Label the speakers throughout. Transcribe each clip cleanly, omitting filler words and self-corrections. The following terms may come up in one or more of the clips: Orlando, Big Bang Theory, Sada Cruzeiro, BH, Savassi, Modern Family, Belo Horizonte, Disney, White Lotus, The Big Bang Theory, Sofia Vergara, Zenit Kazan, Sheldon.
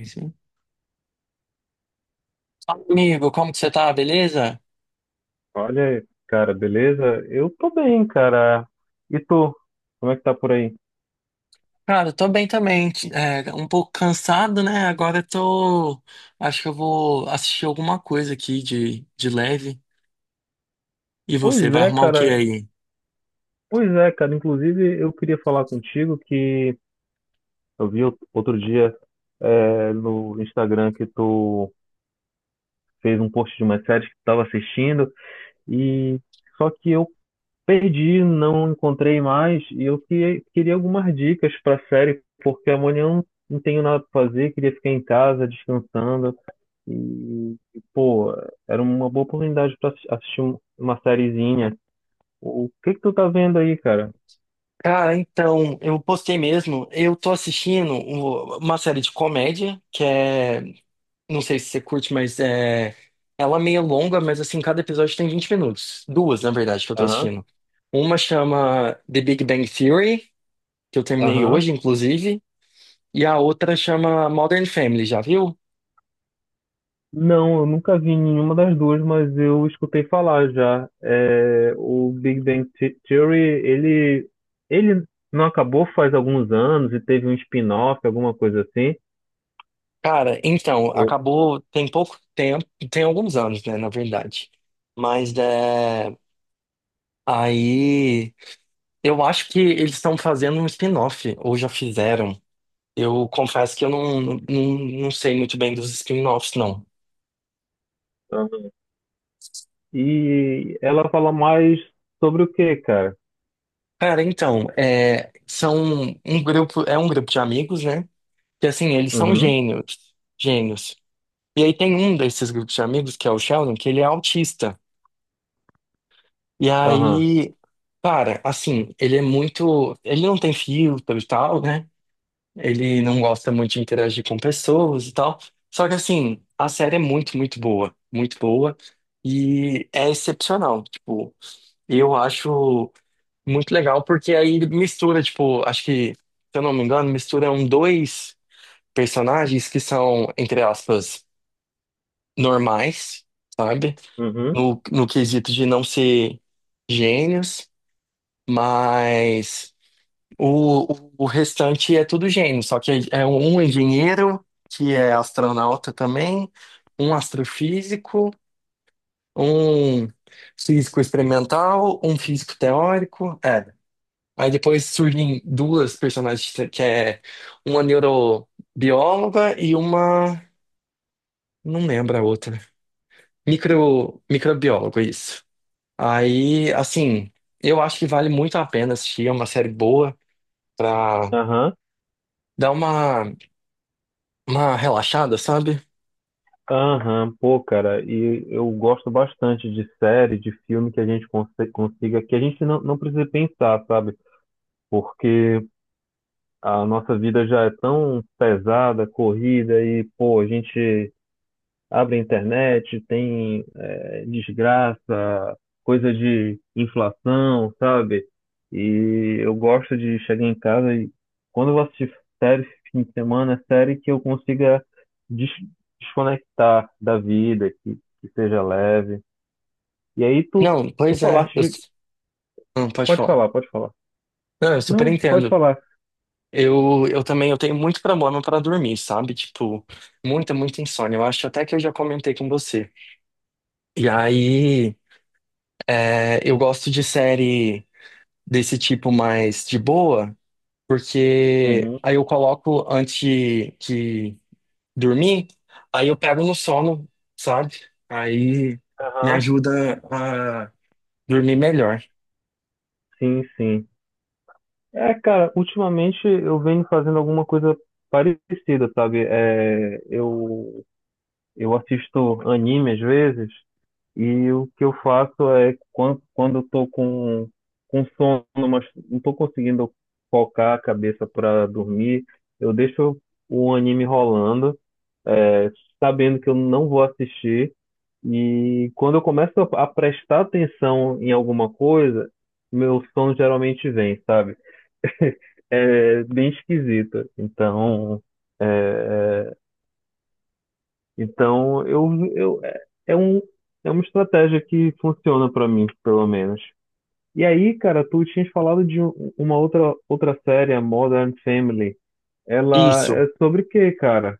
Speaker 1: Sim. Amigo, como que você tá? Beleza?
Speaker 2: Olha aí, cara, beleza? Eu tô bem, cara. E tu? Como é que tá por aí?
Speaker 1: Cara, eu tô bem também. É, um pouco cansado, né? Agora eu tô. Acho que eu vou assistir alguma coisa aqui de leve. E você,
Speaker 2: Pois
Speaker 1: vai
Speaker 2: é,
Speaker 1: arrumar o que
Speaker 2: cara.
Speaker 1: aí?
Speaker 2: Pois é, cara. Inclusive, eu queria falar contigo que eu vi outro dia no Instagram que tu fez um post de uma série que tu tava assistindo e só que eu Perdi, não encontrei mais e eu queria algumas dicas para a série, porque amanhã eu não tenho nada para fazer, queria ficar em casa descansando e, pô, era uma boa oportunidade para assistir uma sériezinha. O que que tu tá vendo aí, cara?
Speaker 1: Cara, então, eu postei mesmo. Eu tô assistindo uma série de comédia, que é. Não sei se você curte, mas é. Ela é meio longa, mas assim, cada episódio tem 20 minutos. Duas, na verdade, que eu tô
Speaker 2: Aham,
Speaker 1: assistindo. Uma chama The Big Bang Theory, que eu terminei
Speaker 2: aham.
Speaker 1: hoje, inclusive. E a outra chama Modern Family, já viu?
Speaker 2: Não, eu nunca vi nenhuma das duas, mas eu escutei falar já. É, o Big Bang Theory, ele não acabou faz alguns anos e teve um spin-off, alguma coisa assim.
Speaker 1: Cara, então, acabou tem pouco tempo, tem alguns anos, né, na verdade. Mas é, aí eu acho que eles estão fazendo um spin-off, ou já fizeram. Eu confesso que eu não sei muito bem dos spin-offs, não.
Speaker 2: Aham. E ela fala mais sobre o quê, cara?
Speaker 1: Cara, então, é, são um grupo, é um grupo de amigos, né? Que assim, eles são
Speaker 2: Uhum.
Speaker 1: gênios, gênios. E aí tem um desses grupos de amigos, que é o Sheldon, que ele é autista. E
Speaker 2: Aham,
Speaker 1: aí, cara, assim, ele é muito. Ele não tem filtro e tal, né? Ele não gosta muito de interagir com pessoas e tal. Só que, assim, a série é muito, muito boa. Muito boa. E é excepcional. Tipo, eu acho muito legal, porque aí mistura, tipo, acho que, se eu não me engano, misturam dois personagens que são, entre aspas, normais, sabe?
Speaker 2: uhum,
Speaker 1: No quesito de não ser gênios. Mas o restante é tudo gênio, só que é um engenheiro, que é astronauta também, um astrofísico, um físico experimental, um físico teórico, é. Aí depois surgem duas personagens, que é uma neurobióloga e uma, não lembro a outra, microbiólogo isso. Aí, assim, eu acho que vale muito a pena assistir, é uma série boa.
Speaker 2: aham,
Speaker 1: Dá uma relaxada, sabe?
Speaker 2: aham. Pô, cara, e eu gosto bastante de série, de filme que a gente consiga, que a gente não precisa pensar, sabe? Porque a nossa vida já é tão pesada, corrida, e, pô, a gente abre a internet, tem desgraça, coisa de inflação, sabe? E eu gosto de chegar em casa e quando eu vou assistir série esse fim de semana, é série que eu consiga des- desconectar da vida, que seja leve. E aí tu,
Speaker 1: Não,
Speaker 2: tu
Speaker 1: pois é.
Speaker 2: falaste
Speaker 1: Eu,
Speaker 2: de...
Speaker 1: não, pode
Speaker 2: Pode
Speaker 1: falar.
Speaker 2: falar, pode falar.
Speaker 1: Não, eu super
Speaker 2: Não, pode
Speaker 1: entendo.
Speaker 2: falar.
Speaker 1: Eu também eu tenho muito problema para dormir, sabe? Tipo, muita, muita insônia. Eu acho até que eu já comentei com você. E aí, é, eu gosto de série desse tipo mais de boa, porque
Speaker 2: Uhum.
Speaker 1: aí eu coloco antes de dormir, aí eu pego no sono, sabe? Aí me
Speaker 2: Aham,
Speaker 1: ajuda a dormir melhor.
Speaker 2: sim, sim. É, cara, ultimamente eu venho fazendo alguma coisa parecida, sabe? Eu assisto anime às vezes, e o que eu faço é quando eu tô com sono, mas não tô conseguindo focar a cabeça para dormir, eu deixo o anime rolando, é, sabendo que eu não vou assistir. E quando eu começo a prestar atenção em alguma coisa, meu sono geralmente vem, sabe? É bem esquisito. Então, é, Então, eu, é é um, é uma estratégia que funciona pra mim, pelo menos. E aí, cara, tu tinhas falado de uma outra série, a Modern Family. Ela
Speaker 1: Isso.
Speaker 2: é sobre o quê, cara?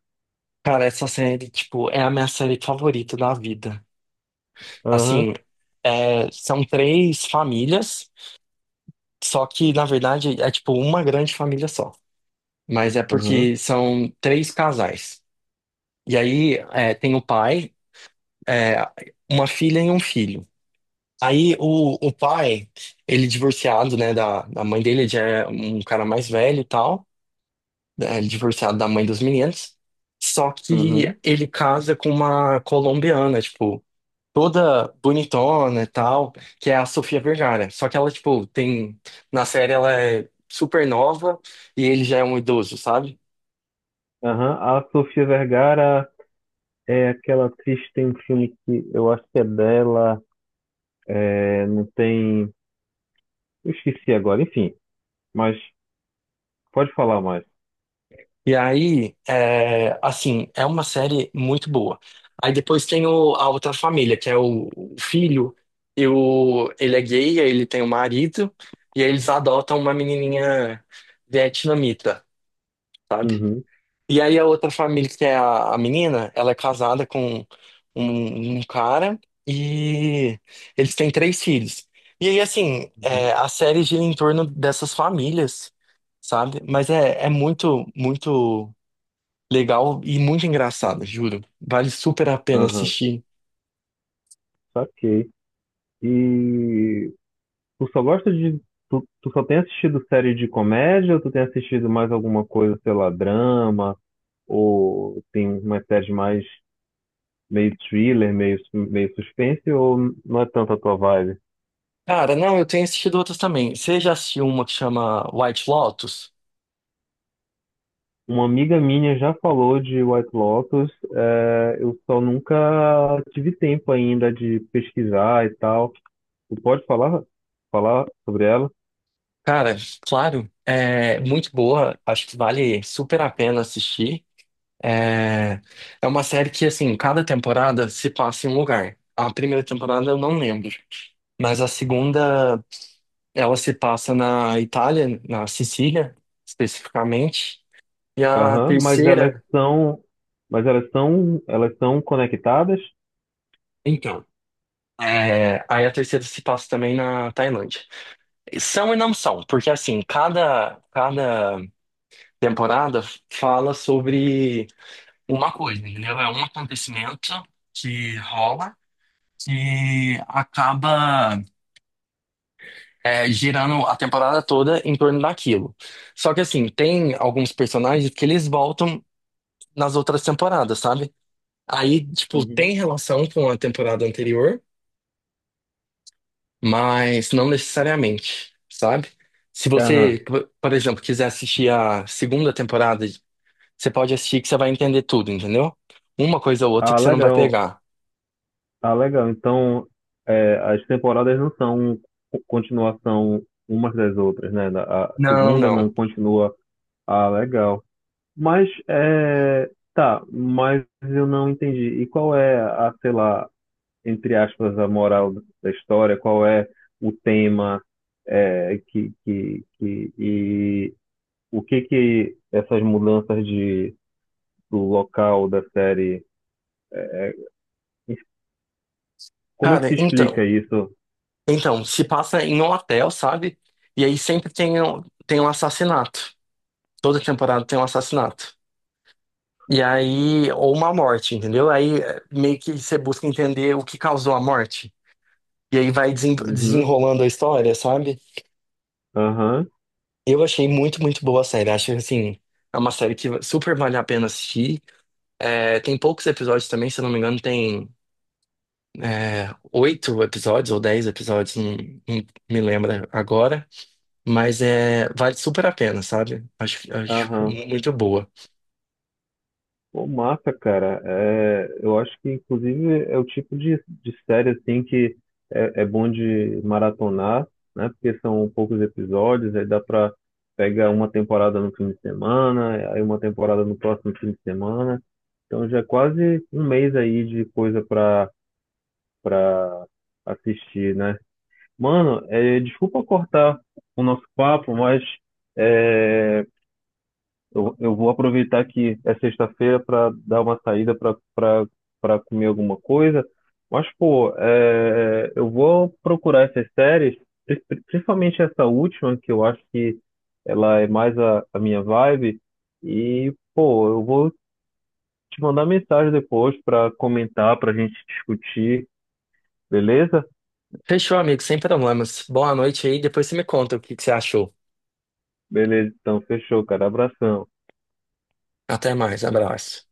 Speaker 1: Cara, essa série, tipo, é a minha série favorita da vida.
Speaker 2: Aham,
Speaker 1: Assim, é, são três famílias, só que, na verdade, é tipo uma grande família só. Mas é
Speaker 2: aham,
Speaker 1: porque são três casais. E aí, é, tem o pai, é, uma filha e um filho. Aí, o pai, ele divorciado, né, da mãe dele, ele já é um cara mais velho e tal, né, ele divorciado da mãe dos meninos. Só que
Speaker 2: aham,
Speaker 1: ele casa com uma colombiana, tipo, toda bonitona e tal, que é a Sofia Vergara. Só que ela, tipo, tem. Na série ela é super nova e ele já é um idoso, sabe?
Speaker 2: aham. A Sofia Vergara é aquela atriz que tem um filme que eu acho que é dela, é, não tem... Eu esqueci agora, enfim. Mas pode falar mais.
Speaker 1: E aí, é, assim, é uma série muito boa. Aí depois tem a outra família, que é o filho, e ele é gay, aí ele tem um marido, e aí eles adotam uma menininha vietnamita, sabe?
Speaker 2: Uhum,
Speaker 1: E aí a outra família, que é a menina, ela é casada com um cara e eles têm três filhos. E aí, assim,
Speaker 2: uhum,
Speaker 1: é, a série gira em torno dessas famílias, sabe? Mas é muito, muito legal e muito engraçado, juro. Vale super a pena
Speaker 2: aham,
Speaker 1: assistir.
Speaker 2: saquei. E Tu só gosta de. Tu só tem assistido série de comédia ou tu tem assistido mais alguma coisa, sei lá, drama? Ou tem uma série mais meio thriller, meio suspense? Ou não é tanto a tua vibe?
Speaker 1: Cara, não, eu tenho assistido outras também. Você já assistiu uma que chama White Lotus?
Speaker 2: Uma amiga minha já falou de White Lotus, é, eu só nunca tive tempo ainda de pesquisar e tal. Tu pode falar sobre ela?
Speaker 1: Cara, claro, é muito boa, acho que vale super a pena assistir. É, é uma série que, assim, cada temporada se passa em um lugar. A primeira temporada eu não lembro, mas a segunda ela se passa na Itália, na Sicília, especificamente. E a
Speaker 2: Aham,
Speaker 1: terceira,
Speaker 2: mas elas são conectadas?
Speaker 1: então, aí a terceira se passa também na Tailândia. São e não são, porque, assim, cada temporada fala sobre uma coisa, entendeu? É um acontecimento que rola. Que acaba girando a temporada toda em torno daquilo. Só que assim, tem alguns personagens que eles voltam nas outras temporadas, sabe? Aí, tipo,
Speaker 2: Uhum.
Speaker 1: tem relação com a temporada anterior, mas não necessariamente, sabe? Se
Speaker 2: Aham.
Speaker 1: você, por exemplo, quiser assistir a segunda temporada, você pode assistir que você vai entender tudo, entendeu? Uma coisa ou outra
Speaker 2: Ah,
Speaker 1: que você não vai
Speaker 2: legal.
Speaker 1: pegar.
Speaker 2: Ah, legal. Então, é, as temporadas não são continuação umas das outras, né? A
Speaker 1: Não,
Speaker 2: segunda não
Speaker 1: não.
Speaker 2: continua. Ah, legal. Mas, é, tá, mas eu não entendi. E qual é a, sei lá, entre aspas, a moral da história? Qual é o tema é, que, e o que que essas mudanças de, do local da série, como é que
Speaker 1: Cara,
Speaker 2: se
Speaker 1: então,
Speaker 2: explica isso?
Speaker 1: se passa em um hotel, sabe? E aí sempre tem um assassinato. Toda temporada tem um assassinato. E aí, ou uma morte, entendeu? Aí meio que você busca entender o que causou a morte. E aí vai
Speaker 2: Uhum.
Speaker 1: desenrolando a história, sabe?
Speaker 2: Aham,
Speaker 1: Eu achei muito, muito boa a série. Acho assim, é uma série que super vale a pena assistir. É, tem poucos episódios também, se eu não me engano, tem oito episódios ou 10 episódios, não me lembro agora. Mas é, vale super a pena, sabe? Acho
Speaker 2: aham.
Speaker 1: muito boa.
Speaker 2: Pô, massa, cara. É, eu acho que, inclusive, é o tipo de série, assim, que é, é bom de maratonar, né? Porque são poucos episódios, aí dá pra pegar uma temporada no fim de semana, aí uma temporada no próximo fim de semana. Então já é quase um mês aí de coisa pra assistir, né? Mano, é, desculpa cortar o nosso papo, mas... é, Eu vou aproveitar que é sexta-feira para dar uma saída para comer alguma coisa. Mas, pô, é, eu vou procurar essas séries, principalmente essa última, que eu acho que ela é mais a minha vibe. E, pô, eu vou te mandar mensagem depois para comentar, para a gente discutir, beleza?
Speaker 1: Fechou, amigo, sem problemas. Boa noite aí, depois você me conta o que que você achou.
Speaker 2: Beleza, então fechou, cara. Abração.
Speaker 1: Até mais, abraço.